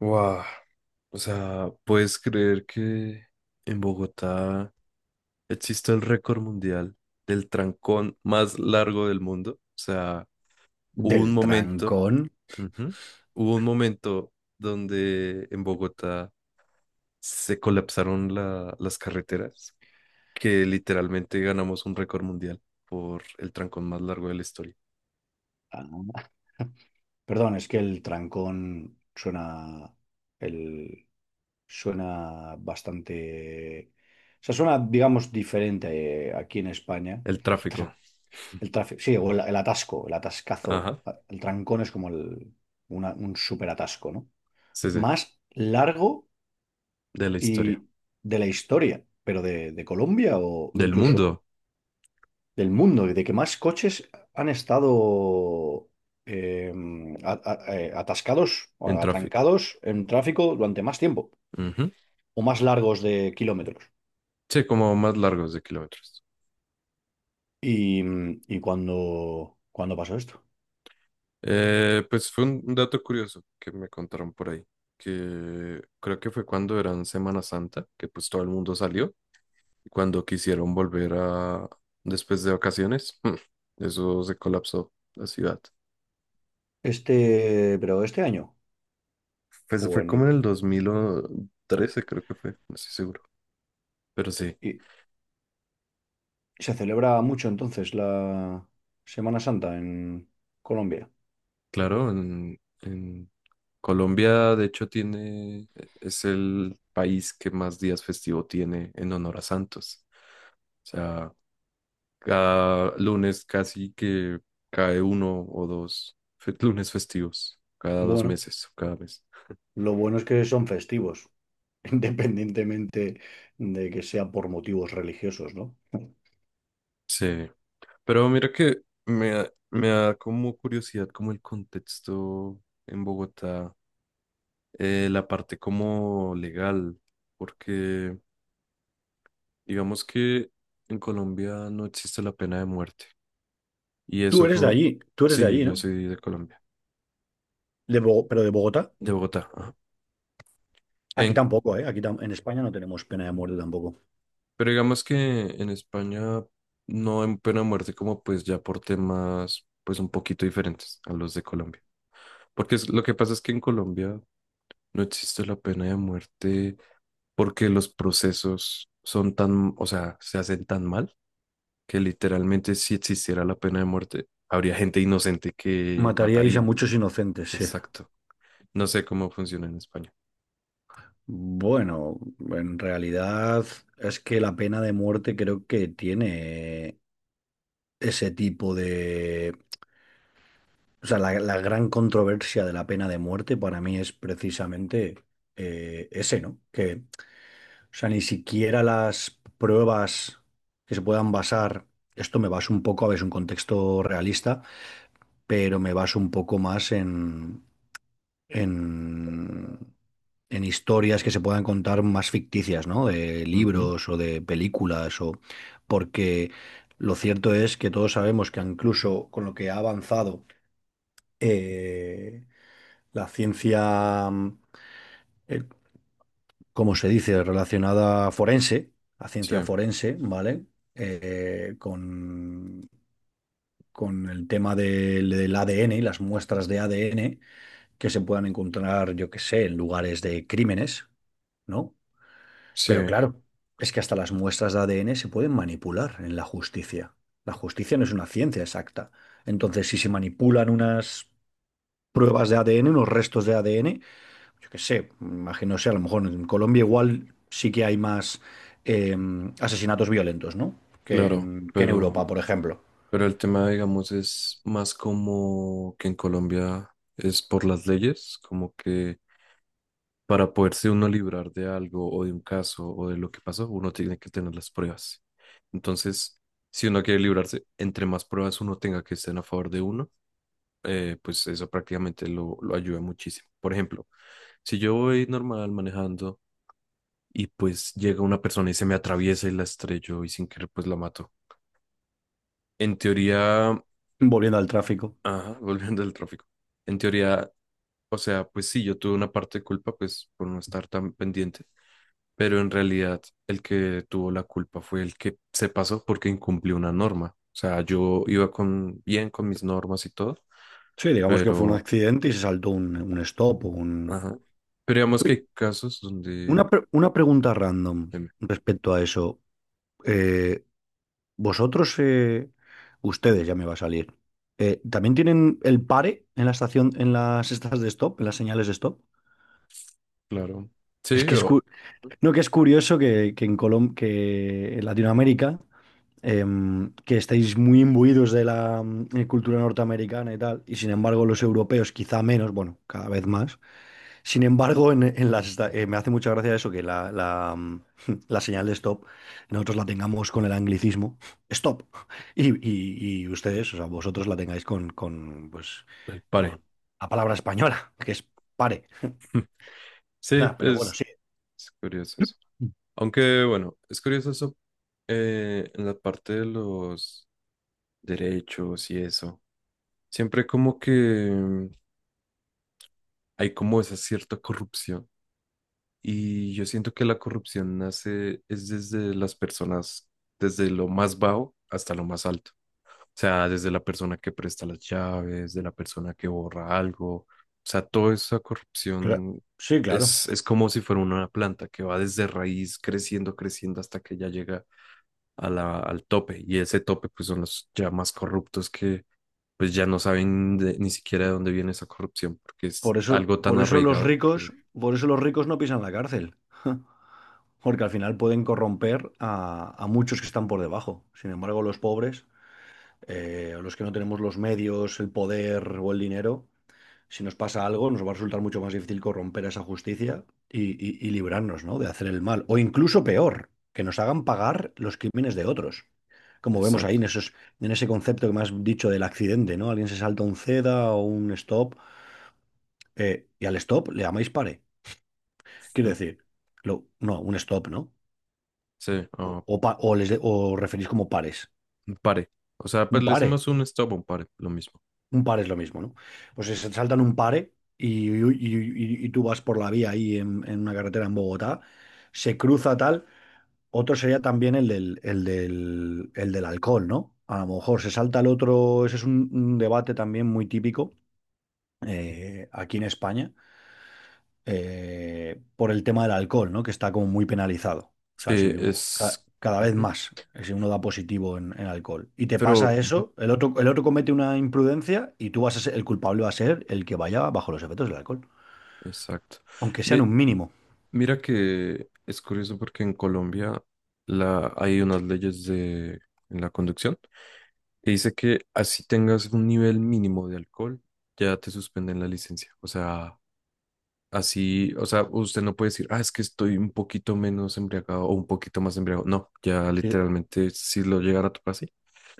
Wow, o sea, ¿puedes creer que en Bogotá existe el récord mundial del trancón más largo del mundo? O sea, hubo un Del momento, trancón. ujú, hubo un momento donde en Bogotá se colapsaron las carreteras, que literalmente ganamos un récord mundial por el trancón más largo de la historia. Ah, perdón, es que el trancón suena el suena bastante, o sea, suena, digamos, diferente aquí en España. El El, tráfico, tra- el tráfico, sí, o el atasco, el atascazo, ajá, el trancón es como un súper atasco, ¿no? sí, sí, Más largo de la historia, y de la historia, pero de Colombia o del incluso mundo del mundo y de que más coches han estado eh, atascados en o tráfico. atrancados en tráfico durante más tiempo Ujú. o más largos de kilómetros. Sí, como más largos de kilómetros. Y cuando pasó esto. Pues fue un dato curioso que me contaron por ahí, que creo que fue cuando eran Semana Santa, que pues todo el mundo salió, y cuando quisieron volver a después de vacaciones, eso se colapsó la ciudad. Este, pero este año, Pues o fue en como en el- el 2013, creo que fue, no estoy seguro. Pero sí, y se celebra mucho entonces la Semana Santa en Colombia. claro, en Colombia de hecho tiene, e, es el país que más días festivo tiene en honor a Santos. O sea, cada lunes casi que cae uno o dos lunes festivos, cada dos Bueno, meses o cada mes. lo bueno es que son festivos, independientemente de que sea por motivos religiosos, ¿no? Sí, pero mira que me, me da como curiosidad como el contexto en Bogotá, la parte como legal, porque digamos que en Colombia no existe la pena de muerte y Tú eso eres de fue, allí, tú eres de sí, allí, yo ¿no? soy de Colombia, Pero de Bogotá. de Bogotá. Ajá. Aquí En, tampoco, ¿eh? En España no tenemos pena de muerte tampoco. pero digamos que en España no hay pena de muerte como pues ya por temas pues un poquito diferentes a los de Colombia. Porque lo que pasa es que en Colombia no existe la pena de muerte porque los procesos son tan, o sea, se hacen tan mal que literalmente si existiera la pena de muerte habría gente inocente que Mataríais a matarían. muchos inocentes, sí. Exacto. No sé cómo funciona en España. Bueno, en realidad es que la pena de muerte creo que tiene ese tipo de... O sea, la gran controversia de la pena de muerte para mí es precisamente ese, ¿no? Que, o sea, ni siquiera las pruebas que se puedan basar, esto me baso un poco a ver, es un contexto realista pero me baso un poco más en, en historias que se puedan contar más ficticias, ¿no? De Ujú. libros o de películas, o porque lo cierto es que todos sabemos que incluso con lo que ha avanzado eh, la ciencia, eh, ¿cómo se dice?, relacionada forense, a Sí, ciencia forense, ¿vale? Eh, con, con el tema del ADN y las muestras de ADN que se puedan encontrar, yo qué sé, en lugares de crímenes, ¿no? sí, Pero claro, es que hasta las muestras de ADN se pueden manipular en la justicia. La justicia no es una ciencia exacta. Entonces, si se manipulan unas pruebas de ADN, unos restos de ADN, yo qué sé, imagino sea, a lo mejor en Colombia igual sí que hay más eh, asesinatos violentos, ¿no? Claro, Que en pero... Europa, por ejemplo. Pero el tema, digamos, es más como que en Colombia es por las leyes, como que para poderse uno librar de algo o de un caso o de lo que pasó, uno tiene que tener las pruebas. Entonces, si uno quiere librarse, entre más pruebas uno tenga que estén a favor de uno, pues eso prácticamente lo ayuda muchísimo. Por ejemplo, si yo voy normal manejando y pues llega una persona y se me atraviesa y la estrello y sin querer pues la mato. En teoría, Volviendo al tráfico. ajá, volviendo al tráfico. En teoría, o sea, pues sí, yo tuve una parte de culpa, pues por no estar tan pendiente, pero en realidad el que tuvo la culpa fue el que se pasó porque incumplió una norma. O sea, yo iba con bien con mis normas y todo, Sí, digamos que fue un pero, accidente y se saltó un stop o un... ajá. Pero digamos que Uy, hay casos donde, una pregunta random em, respecto a eso. Eh, vosotros, ustedes ya me va a salir. Eh, ¿también tienen el pare en la estación, en las estas de stop, en las señales de stop? claro, Es sí, que es, o cu- no, que es curioso que, que en Latinoamérica, em, que estáis muy imbuidos de la cultura norteamericana y tal, y sin embargo los europeos quizá menos, bueno, cada vez más. Sin embargo, en me hace mucha gracia eso, que la señal de stop nosotros la tengamos con el anglicismo, stop, y ustedes, o sea, vosotros la tengáis pues, el paré. con la palabra española, que es pare. Sí, Nah, pero bueno, sí, es curioso eso. Aunque, bueno, es curioso eso en la parte de los derechos y eso. Siempre como que hay como esa cierta corrupción. Y yo siento que la corrupción nace es desde las personas, desde lo más bajo hasta lo más alto. O sea, desde la persona que presta las llaves, de la persona que borra algo. O sea, toda esa cla- corrupción sí, claro. Es como si fuera una planta que va desde raíz creciendo, creciendo hasta que ya llega a la, al tope. Y ese tope, pues, son los ya más corruptos que, pues, ya no saben ni siquiera de dónde viene esa corrupción, porque es algo tan Por eso los arraigado. ricos, por eso los ricos no pisan la cárcel, porque al final pueden corromper a muchos que están por debajo. Sin embargo, los pobres... los que no tenemos los medios, el poder o el dinero, si nos pasa algo, nos va a resultar mucho más difícil corromper esa justicia y librarnos, ¿no?, de hacer el mal. O incluso peor, que nos hagan pagar los crímenes de otros. Como vemos ahí Exacto. en esos, en ese concepto que me has dicho del accidente, ¿no? Alguien se salta un ceda o un stop, y al stop le llamáis pare. Quiero Mm, decir, un stop, ¿no? sí, ah, O pa- o les de- o referís como pares. un pare. O sea, pues Un le pare. decimos un stop o un pare, lo mismo. Un par es lo mismo, ¿no? Pues se saltan un pare y tú vas por la vía ahí en una carretera en Bogotá, se cruza tal. Otro sería también el del alcohol, ¿no? A lo mejor se salta el otro, ese es un debate también muy típico aquí en España, por el tema del alcohol, ¿no? Que está como muy penalizado. O sea, Sí, si u- ca- es... cada vez Ujú. más, si uno da positivo en alcohol y te Pero, pasa mm, eso, el otro comete una imprudencia y tú vas a ser, el culpable va a ser el que vaya bajo los efectos del alcohol, exacto. aunque sean Mi- un mínimo. mira que es curioso porque en Colombia la, hay unas leyes de, en la conducción que dice que así tengas un nivel mínimo de alcohol, ya te suspenden la licencia. O sea, así, o sea, usted no puede decir, ah, es que estoy un poquito menos embriagado o un poquito más embriagado. No, ya Si, literalmente si lo llegara a tocar así.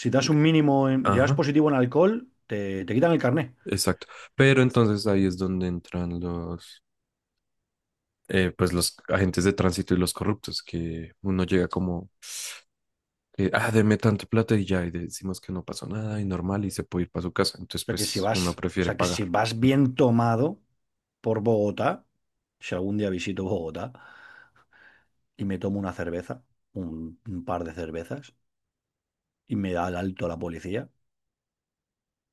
si das un mínimo, en, llevas Ajá. positivo en alcohol, te quitan el carné. Exacto. Pero entonces ahí es donde entran los, pues los agentes de tránsito y los corruptos, que uno llega como, ah, deme tanto plata y ya, y decimos que no pasó nada y normal y se puede ir para su casa. O Entonces, sea, que si pues vas, uno o prefiere sea, que si pagar. vas bien tomado por Bogotá, si algún día visito Bogotá y me tomo una cerveza, un par de cervezas, y me da el alto la policía.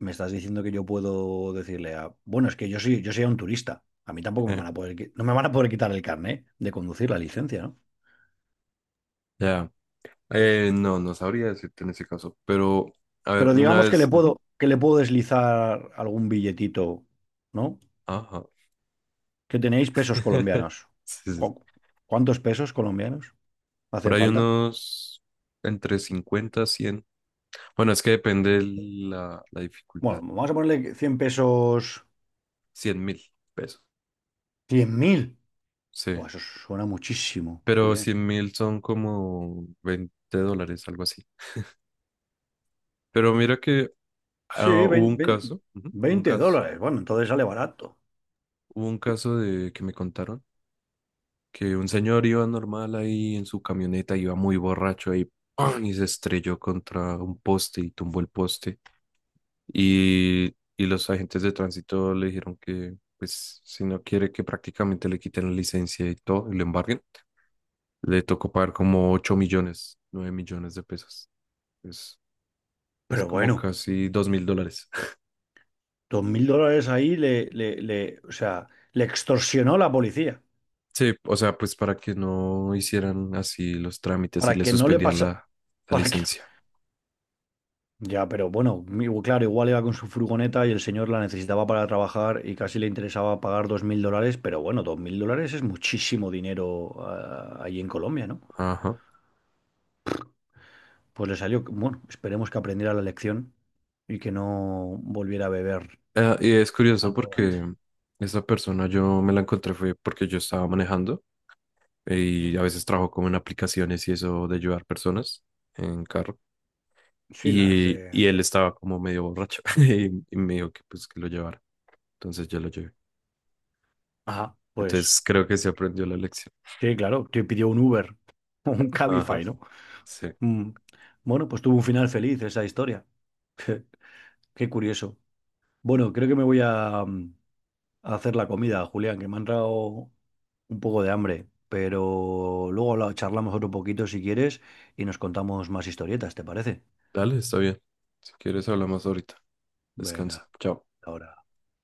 Me estás diciendo que yo puedo decirle a, bueno, es que yo soy un turista. A mí tampoco me van a poder, no me van a poder quitar el carné de conducir la licencia, ¿no? Ya. No, no sabría decirte en ese caso, pero, a ver, Pero una digamos vez, ujú, que le puedo deslizar algún billetito, ¿no? ajá. Que tenéis pesos colombianos. Sí, sí. ¿Cu- ¿Cuántos pesos colombianos Por hacen ahí falta? unos entre 50, 100, bueno, es que depende la, la Bueno, dificultad. vamos a ponerle cien pesos, 100.000 pesos. 100.000. Sí. Buah, eso suena muchísimo, Pero Julián. 100.000 son como 20 dólares, algo así. Pero mira que Sí, ah, hubo un caso, ujú, un caso, dólares. Bueno, entonces sale barato. hubo un caso de que me contaron que un señor iba normal ahí en su camioneta, iba muy borracho ahí, ¡pam! Y se estrelló contra un poste y tumbó el poste. Y, y los agentes de tránsito le dijeron que, pues, si no quiere que prácticamente le quiten la licencia y todo, y le embarguen, le tocó pagar como 8 millones, 9 millones de pesos. Es Pero como bueno, casi 2.000 dólares. $2.000 ahí o sea, le extorsionó la policía Sí, o sea, pues para que no hicieran así los trámites y para le que no le suspendían pasa, la, la para que no, licencia. ya, pero bueno, mi- claro, igual iba con su furgoneta y el señor la necesitaba para trabajar y casi le interesaba pagar $2.000, pero bueno, dos mil dólares es muchísimo dinero ah, ahí en Colombia, ¿no? Ajá. Pues le salió, bueno, esperemos que aprendiera la lección y que no volviera a beber Ah, y es curioso al volante. porque esa persona yo me la encontré fue porque yo estaba manejando y a veces trabajo como en aplicaciones y eso de ayudar personas en carro. Sí, las de... Y él estaba como medio borracho y me dijo que pues que lo llevara. Entonces yo lo llevé. Ajá, pues Entonces creo que se aprendió la lección. sí, claro, te pidió un Uber, un Ajá. Cabify, ¿no? Sí. Mm. Bueno, pues tuvo un final feliz esa historia. Qué curioso. Bueno, creo que me voy a, mm, a hacer la comida, Julián, que me ha entrado un poco de hambre, pero luego la charlamos otro poquito si quieres y nos contamos más historietas, ¿te parece? Dale, está bien. Si quieres hablamos ahorita. Venga, Descansa. Chao. ahora.